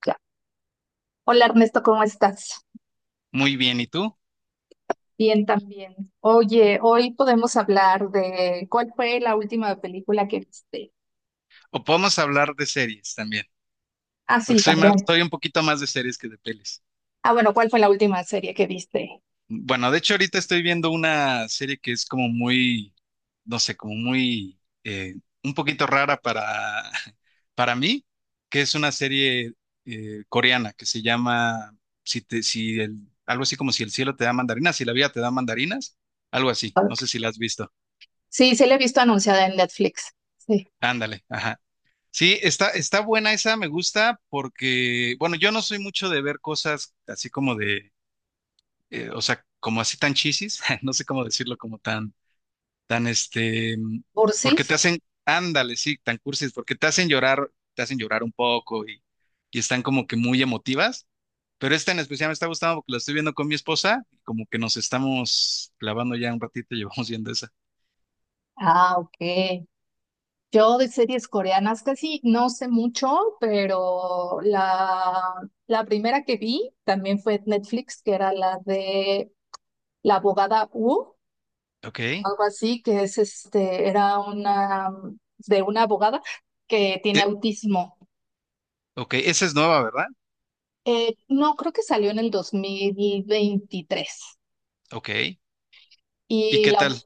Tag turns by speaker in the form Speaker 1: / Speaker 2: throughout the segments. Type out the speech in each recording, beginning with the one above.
Speaker 1: Claro. Hola Ernesto, ¿cómo estás?
Speaker 2: Muy bien, ¿y tú?
Speaker 1: Bien también. Oye, hoy podemos hablar de cuál fue la última película que viste.
Speaker 2: O podemos hablar de series también,
Speaker 1: Ah,
Speaker 2: porque
Speaker 1: sí,
Speaker 2: soy más,
Speaker 1: también.
Speaker 2: soy un poquito más de series que de pelis.
Speaker 1: Ah, bueno, ¿cuál fue la última serie que viste?
Speaker 2: Bueno, de hecho ahorita estoy viendo una serie que es como muy, no sé, como muy, un poquito rara para, para mí, que es una serie coreana que se llama, si te, si el, algo así como si el cielo te da mandarinas, si la vida te da mandarinas, algo así, no
Speaker 1: Ok.
Speaker 2: sé si la has visto.
Speaker 1: Sí, sí la he visto anunciada en Netflix. Sí.
Speaker 2: Ándale, ajá. Sí, está, está buena esa, me gusta porque, bueno, yo no soy mucho de ver cosas así como de, o sea, como así tan chisis, no sé cómo decirlo, como tan, tan porque te
Speaker 1: ¿Cursis?
Speaker 2: hacen, ándale, sí, tan cursis, porque te hacen llorar un poco y están como que muy emotivas, pero esta en especial me está gustando porque la estoy viendo con mi esposa y como que nos estamos clavando ya un ratito y llevamos viendo esa.
Speaker 1: Ah, ok. Yo de series coreanas casi no sé mucho, pero la primera que vi también fue en Netflix, que era la de La abogada U.
Speaker 2: Ok,
Speaker 1: Algo así, que es este, era una de una abogada que tiene autismo.
Speaker 2: ok, esa es nueva, ¿verdad?
Speaker 1: No, creo que salió en el 2023
Speaker 2: Ok, ¿y
Speaker 1: y
Speaker 2: qué
Speaker 1: la,
Speaker 2: tal?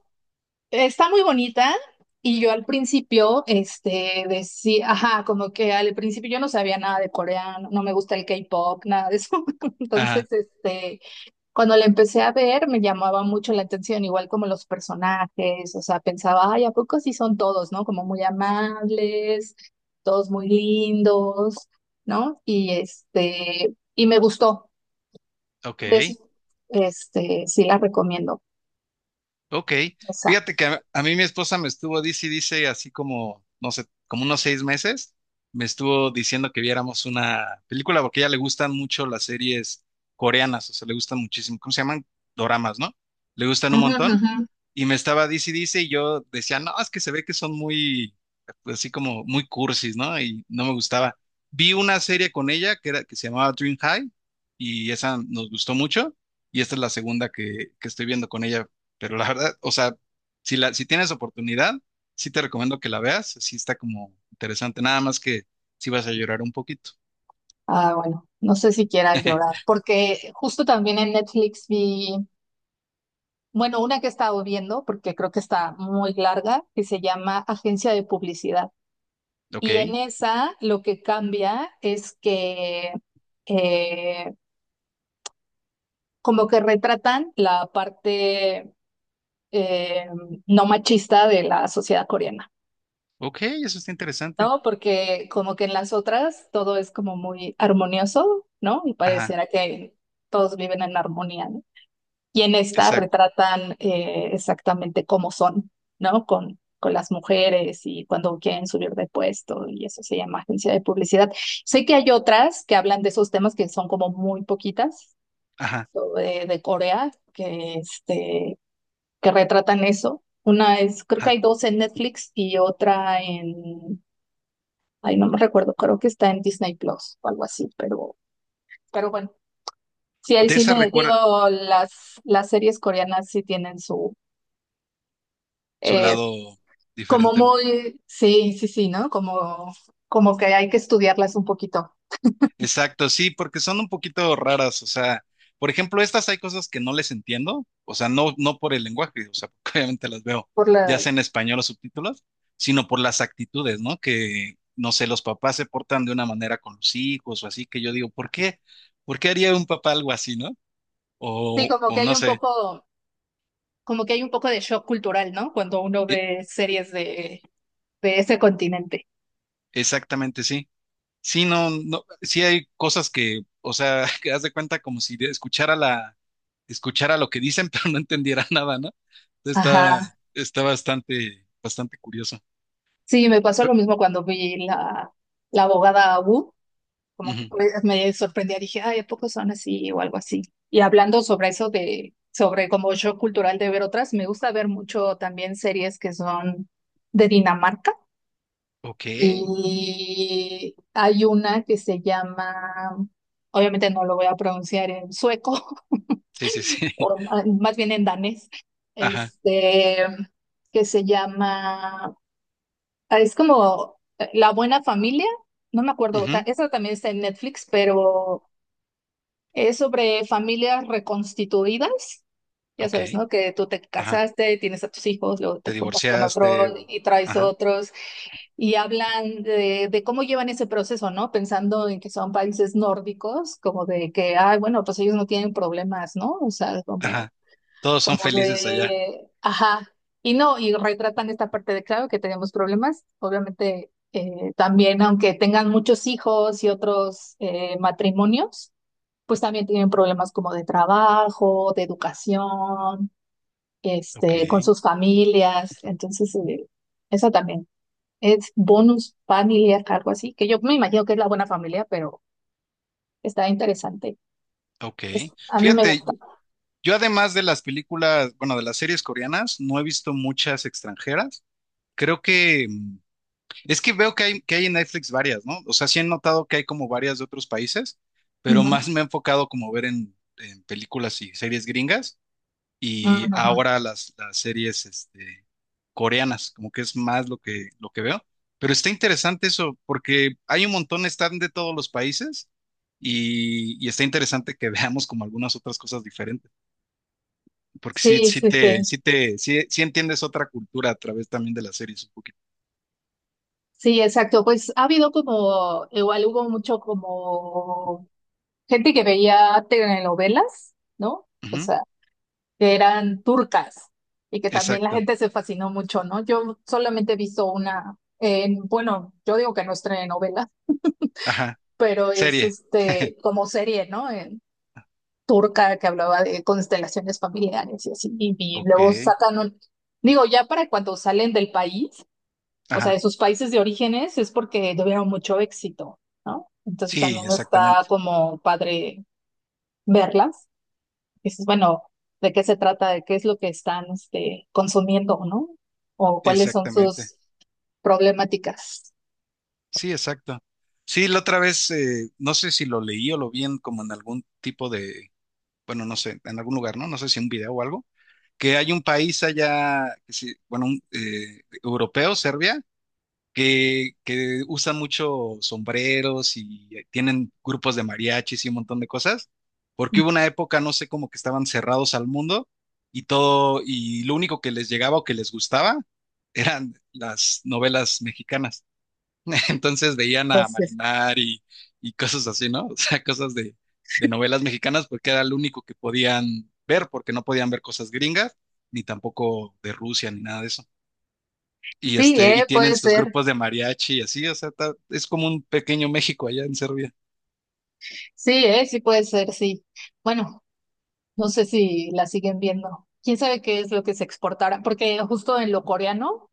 Speaker 1: está muy bonita. Y yo al principio, este, decía, ajá, como que al principio yo no sabía nada de coreano, no me gusta el K-pop, nada de eso.
Speaker 2: Ajá,
Speaker 1: Entonces, este, cuando la empecé a ver, me llamaba mucho la atención, igual como los personajes, o sea, pensaba, ay, ¿a poco sí son todos, no? Como muy amables, todos muy lindos, ¿no? Y este, y me gustó.
Speaker 2: ok.
Speaker 1: Entonces, este, sí la recomiendo.
Speaker 2: Ok,
Speaker 1: O sea,
Speaker 2: fíjate que a mí mi esposa me estuvo, dice y dice, así como, no sé, como unos 6 meses, me estuvo diciendo que viéramos una película porque a ella le gustan mucho las series coreanas, o sea, le gustan muchísimo, ¿cómo se llaman? Doramas, ¿no? Le gustan un
Speaker 1: ujú,
Speaker 2: montón
Speaker 1: ujú.
Speaker 2: y me estaba dice y dice, y yo decía, no, es que se ve que son muy, pues, así como muy cursis, ¿no? Y no me gustaba. Vi una serie con ella que, era, que se llamaba Dream High, y esa nos gustó mucho, y esta es la segunda que estoy viendo con ella, pero la verdad, o sea, si, la, si tienes oportunidad, sí te recomiendo que la veas, sí está como interesante, nada más que sí vas a llorar un poquito.
Speaker 1: Ah, bueno, no sé si quiera llorar, porque justo también en Netflix vi, bueno, una que he estado viendo, porque creo que está muy larga, que se llama Agencia de Publicidad.
Speaker 2: Ok,
Speaker 1: Y en esa lo que cambia es que eh, como que retratan la parte eh, no machista de la sociedad coreana,
Speaker 2: ok, eso está interesante.
Speaker 1: ¿no? Porque como que en las otras todo es como muy armonioso, ¿no? Y
Speaker 2: Ajá,
Speaker 1: pareciera que todos viven en armonía, ¿no? Y en esta
Speaker 2: exacto,
Speaker 1: retratan exactamente cómo son, ¿no? Con las mujeres y cuando quieren subir de puesto y eso se llama agencia de publicidad. Sé que hay otras que hablan de esos temas que son como muy poquitas
Speaker 2: ajá,
Speaker 1: o de Corea que, este, que retratan eso. Una es, creo que
Speaker 2: ajá.
Speaker 1: hay dos en Netflix y otra en, ay, no me recuerdo, creo que está en Disney Plus o algo así, pero bueno. Sí, el
Speaker 2: De esa
Speaker 1: cine, digo,
Speaker 2: recuerda,
Speaker 1: las, las series coreanas sí tienen su,
Speaker 2: su
Speaker 1: eh.
Speaker 2: lado
Speaker 1: Como
Speaker 2: diferente, ¿no?
Speaker 1: muy, sí, sí, sí, ¿no? Como, como que hay que estudiarlas un poquito
Speaker 2: Exacto, sí, porque son un poquito raras, o sea, por ejemplo, estas hay cosas que no les entiendo, o sea, no, no por el lenguaje, o sea, porque obviamente las veo
Speaker 1: por
Speaker 2: ya
Speaker 1: la,
Speaker 2: sea en español o subtítulos, sino por las actitudes, ¿no? Que, no sé, los papás se portan de una manera con los hijos o así, que yo digo, ¿por qué? ¿Por qué haría un papá algo así, ¿no?
Speaker 1: sí, como
Speaker 2: O
Speaker 1: que hay
Speaker 2: no
Speaker 1: un
Speaker 2: sé,
Speaker 1: poco, como que hay un poco de shock cultural, ¿no? Cuando uno
Speaker 2: e-
Speaker 1: ve series de ese continente.
Speaker 2: exactamente, sí. Sí, no, no, sí hay cosas que, o sea, que haz de cuenta como si escuchara la escuchara lo que dicen, pero no entendiera nada, ¿no? Está,
Speaker 1: Ajá.
Speaker 2: está bastante, bastante curioso.
Speaker 1: Sí, me pasó
Speaker 2: Pe-
Speaker 1: lo mismo cuando vi la, la abogada Wu, como que
Speaker 2: ujú.
Speaker 1: pues me sorprendía, dije, ay, ¿a poco son así o algo así? Y hablando sobre eso de, sobre como shock cultural de ver otras, me gusta ver mucho también series que son de Dinamarca.
Speaker 2: Ok. Sí,
Speaker 1: Y hay una que se llama, obviamente no lo voy a pronunciar en sueco,
Speaker 2: sí, sí.
Speaker 1: o más bien en danés,
Speaker 2: Ajá.
Speaker 1: este, que se llama, ah, es como La Buena Familia, no me acuerdo, ta-
Speaker 2: Ujú,
Speaker 1: esa también está en Netflix, pero es sobre familias reconstituidas. Ya
Speaker 2: ok.
Speaker 1: sabes, ¿no? Que tú te
Speaker 2: Ajá.
Speaker 1: casaste, tienes a tus hijos, luego te
Speaker 2: Te
Speaker 1: juntas con otro
Speaker 2: divorciaste.
Speaker 1: y traes
Speaker 2: Ajá.
Speaker 1: otros. Y hablan de cómo llevan ese proceso, ¿no? Pensando en que son países nórdicos, como de que, ay, bueno, pues ellos no tienen problemas, ¿no? O sea,
Speaker 2: Ajá.
Speaker 1: como,
Speaker 2: Todos son
Speaker 1: como
Speaker 2: felices allá.
Speaker 1: de, ajá, y no, y retratan esta parte de, claro, que tenemos problemas, obviamente, también, aunque tengan muchos hijos y otros matrimonios, pues también tienen problemas como de trabajo, de educación, este, con
Speaker 2: Ok.
Speaker 1: sus familias, entonces, eso también. Es bonus familia, algo así, que yo me imagino que es la buena familia, pero está interesante.
Speaker 2: Ok.
Speaker 1: Es, a mí me
Speaker 2: Fíjate,
Speaker 1: gusta.
Speaker 2: yo además de las películas, bueno, de las series coreanas, no he visto muchas extranjeras. Creo que es que veo que hay en Netflix varias, ¿no? O sea, sí he notado que hay como varias de otros países, pero
Speaker 1: Ujú,
Speaker 2: más me he enfocado como ver en películas y series gringas
Speaker 1: ujú,
Speaker 2: y
Speaker 1: ujú.
Speaker 2: ahora las series coreanas, como que es más lo que veo. Pero está interesante eso, porque hay un montón, están de todos los países y está interesante que veamos como algunas otras cosas diferentes, porque sí,
Speaker 1: Sí,
Speaker 2: sí
Speaker 1: sí,
Speaker 2: te,
Speaker 1: sí.
Speaker 2: sí te, sí, sí entiendes otra cultura a través también de las series un poquito.
Speaker 1: Sí, exacto. Pues ha habido como, igual hubo mucho como gente que veía telenovelas, ¿no? O
Speaker 2: Ujú,
Speaker 1: sea, que eran turcas y que también la
Speaker 2: exacto.
Speaker 1: gente se fascinó mucho, ¿no? Yo solamente he visto una, en, bueno, yo digo que no es telenovela,
Speaker 2: Ajá.
Speaker 1: pero es
Speaker 2: Serie.
Speaker 1: este como serie, ¿no? En- turca que hablaba de constelaciones familiares y así, y luego
Speaker 2: Ok.
Speaker 1: sacan un, digo, ya para cuando salen del país, o sea,
Speaker 2: Ajá.
Speaker 1: de sus países de orígenes, es porque tuvieron mucho éxito, ¿no? Entonces
Speaker 2: Sí,
Speaker 1: también está
Speaker 2: exactamente.
Speaker 1: como padre verlas, y dices, bueno, ¿de qué se trata? ¿De qué es lo que están este, consumiendo, ¿no? O cuáles son
Speaker 2: Exactamente.
Speaker 1: sus problemáticas.
Speaker 2: Sí, exacto. Sí, la otra vez, no sé si lo leí o lo vi en como en algún tipo de, bueno, no sé, en algún lugar, ¿no? No sé si un video o algo, que hay un país allá, que sí, bueno, un, europeo, Serbia, que usan mucho sombreros y tienen grupos de mariachis y un montón de cosas, porque hubo una época, no sé, como que estaban cerrados al mundo y todo, y lo único que les llegaba o que les gustaba eran las novelas mexicanas. Entonces veían a
Speaker 1: Entonces,
Speaker 2: Marimar y cosas así, ¿no? O sea, cosas de novelas mexicanas porque era lo único que podían ver, porque no podían ver cosas gringas, ni tampoco de Rusia, ni nada de eso y
Speaker 1: sí,
Speaker 2: y tienen
Speaker 1: puede
Speaker 2: sus
Speaker 1: ser,
Speaker 2: grupos de mariachi y así, o sea, es como un pequeño México allá en Serbia.
Speaker 1: sí, sí puede ser, sí. Bueno, no sé si la siguen viendo. ¿Quién sabe qué es lo que se exportará? Porque justo en lo coreano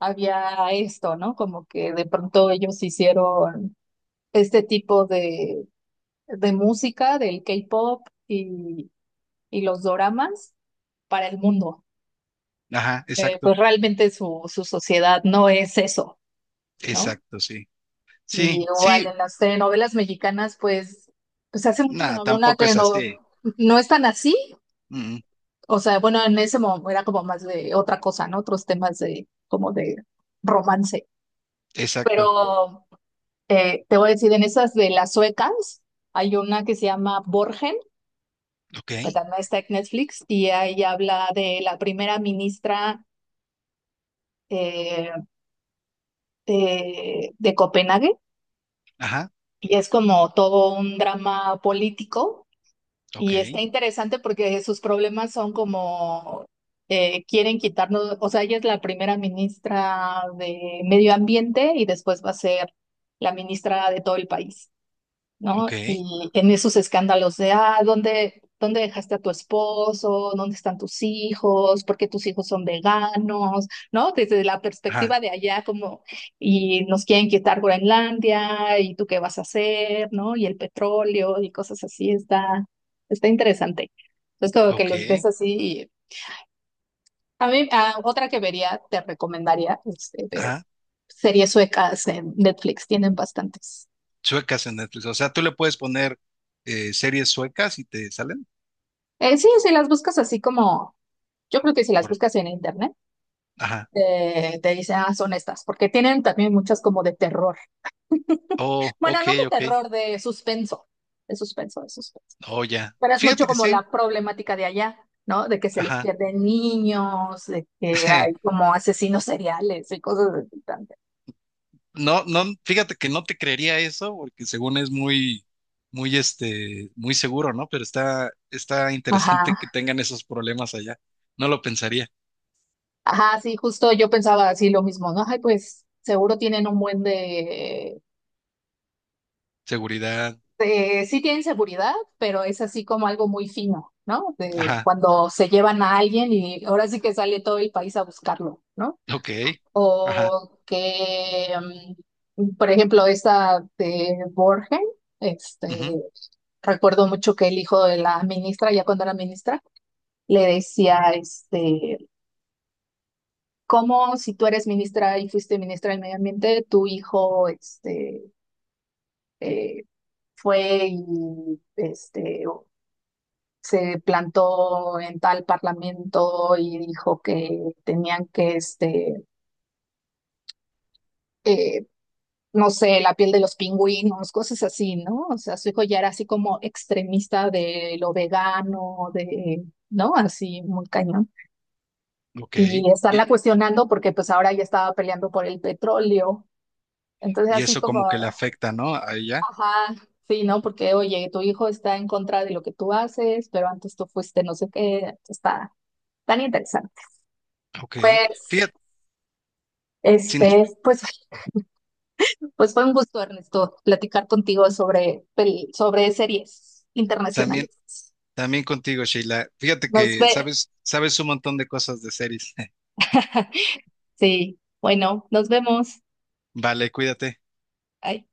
Speaker 1: había esto, ¿no? Como que de pronto ellos hicieron este tipo de música del K-pop y los doramas para el mundo.
Speaker 2: Ajá, exacto,
Speaker 1: Pues realmente su, su sociedad no es eso, ¿no?
Speaker 2: exacto, sí.
Speaker 1: Y
Speaker 2: Sí,
Speaker 1: igual
Speaker 2: sí,
Speaker 1: en las telenovelas mexicanas, pues, pues hace mucho que
Speaker 2: nada,
Speaker 1: no veo una
Speaker 2: tampoco es
Speaker 1: telenovela.
Speaker 2: así.
Speaker 1: No es tan así.
Speaker 2: Mm,
Speaker 1: O sea, bueno, en ese momento era como más de otra cosa, ¿no? Otros temas de como de romance.
Speaker 2: exacto.
Speaker 1: Pero te voy a decir, en esas de las suecas, hay una que se llama Borgen,
Speaker 2: Ok,
Speaker 1: que también está en Netflix, y ahí habla de la primera ministra eh, de Copenhague,
Speaker 2: ajá,
Speaker 1: y es como todo un drama político.
Speaker 2: ok,
Speaker 1: Y está interesante porque sus problemas son como quieren quitarnos, o sea, ella es la primera ministra de Medio Ambiente y después va a ser la ministra de todo el país.
Speaker 2: ok,
Speaker 1: ¿No? Y en esos escándalos de, ah, ¿dónde, dónde dejaste a tu esposo? ¿Dónde están tus hijos? ¿Por qué tus hijos son veganos? ¿No? Desde la
Speaker 2: ajá,
Speaker 1: perspectiva de allá, como, y nos quieren quitar Groenlandia, ¿y tú qué vas a hacer? ¿No? Y el petróleo y cosas así, está, está interesante. Entonces, como que
Speaker 2: ok,
Speaker 1: los ves así. Y- a mí, ah, otra que vería, te recomendaría, este, ver
Speaker 2: ajá.
Speaker 1: series suecas en Netflix, tienen bastantes.
Speaker 2: Suecas en Netflix. O sea, tú le puedes poner series suecas y te salen
Speaker 1: Sí, si las buscas así como yo creo que si las
Speaker 2: por,
Speaker 1: buscas en internet,
Speaker 2: ajá.
Speaker 1: te dicen, ah, son estas, porque tienen también muchas como de terror.
Speaker 2: Oh,
Speaker 1: Bueno, no de
Speaker 2: ok, ok.
Speaker 1: terror, de suspenso, de suspenso, de suspenso.
Speaker 2: Oh, ya.
Speaker 1: Pero es mucho
Speaker 2: Fíjate que
Speaker 1: como
Speaker 2: sí.
Speaker 1: la problemática de allá, ¿no? De que se les
Speaker 2: Ajá.
Speaker 1: pierden niños, de que hay como asesinos seriales y cosas de también.
Speaker 2: No, no, fíjate que no te creería eso, porque según es muy, muy, muy seguro, ¿no? Pero está, está interesante
Speaker 1: Ajá,
Speaker 2: que tengan esos problemas allá. No lo pensaría.
Speaker 1: ajá, sí, justo yo pensaba así lo mismo, ¿no? Ay, pues seguro tienen un buen de
Speaker 2: Seguridad,
Speaker 1: sí tienen seguridad, pero es así como algo muy fino, ¿no? De
Speaker 2: ajá,
Speaker 1: cuando se llevan a alguien y ahora sí que sale todo el país a buscarlo, ¿no?
Speaker 2: ok, ajá,
Speaker 1: O que, mm, por ejemplo, esta de Borgen,
Speaker 2: ujú,
Speaker 1: este, recuerdo mucho que el hijo de la ministra, ya cuando era ministra, le decía, este, ¿cómo si tú eres ministra y fuiste ministra del medio ambiente, tu hijo, este, eh, fue y este, se plantó en tal parlamento y dijo que tenían que, este, eh, no sé, la piel de los pingüinos, cosas así, ¿no? O sea, su hijo ya era así como extremista de lo vegano, de, ¿no? Así muy cañón.
Speaker 2: ok.
Speaker 1: Y estarla
Speaker 2: Y,
Speaker 1: cuestionando porque pues ahora ya estaba peleando por el petróleo. Entonces
Speaker 2: y
Speaker 1: así
Speaker 2: eso
Speaker 1: como,
Speaker 2: como que le afecta, ¿no? A ella,
Speaker 1: ajá. Sí, ¿no? Porque, oye, tu hijo está en contra de lo que tú haces, pero antes tú fuiste no sé qué, está tan interesante.
Speaker 2: ok.
Speaker 1: Pues
Speaker 2: Fíjate, sin-
Speaker 1: este, pues, pues fue un gusto, Ernesto, platicar contigo sobre, pel- sobre series internacionales.
Speaker 2: también, también contigo, Sheila. Fíjate
Speaker 1: Nos
Speaker 2: que
Speaker 1: ve.
Speaker 2: sabes, sabes un montón de cosas de series.
Speaker 1: Sí, bueno, nos vemos.
Speaker 2: Vale, cuídate.
Speaker 1: Bye.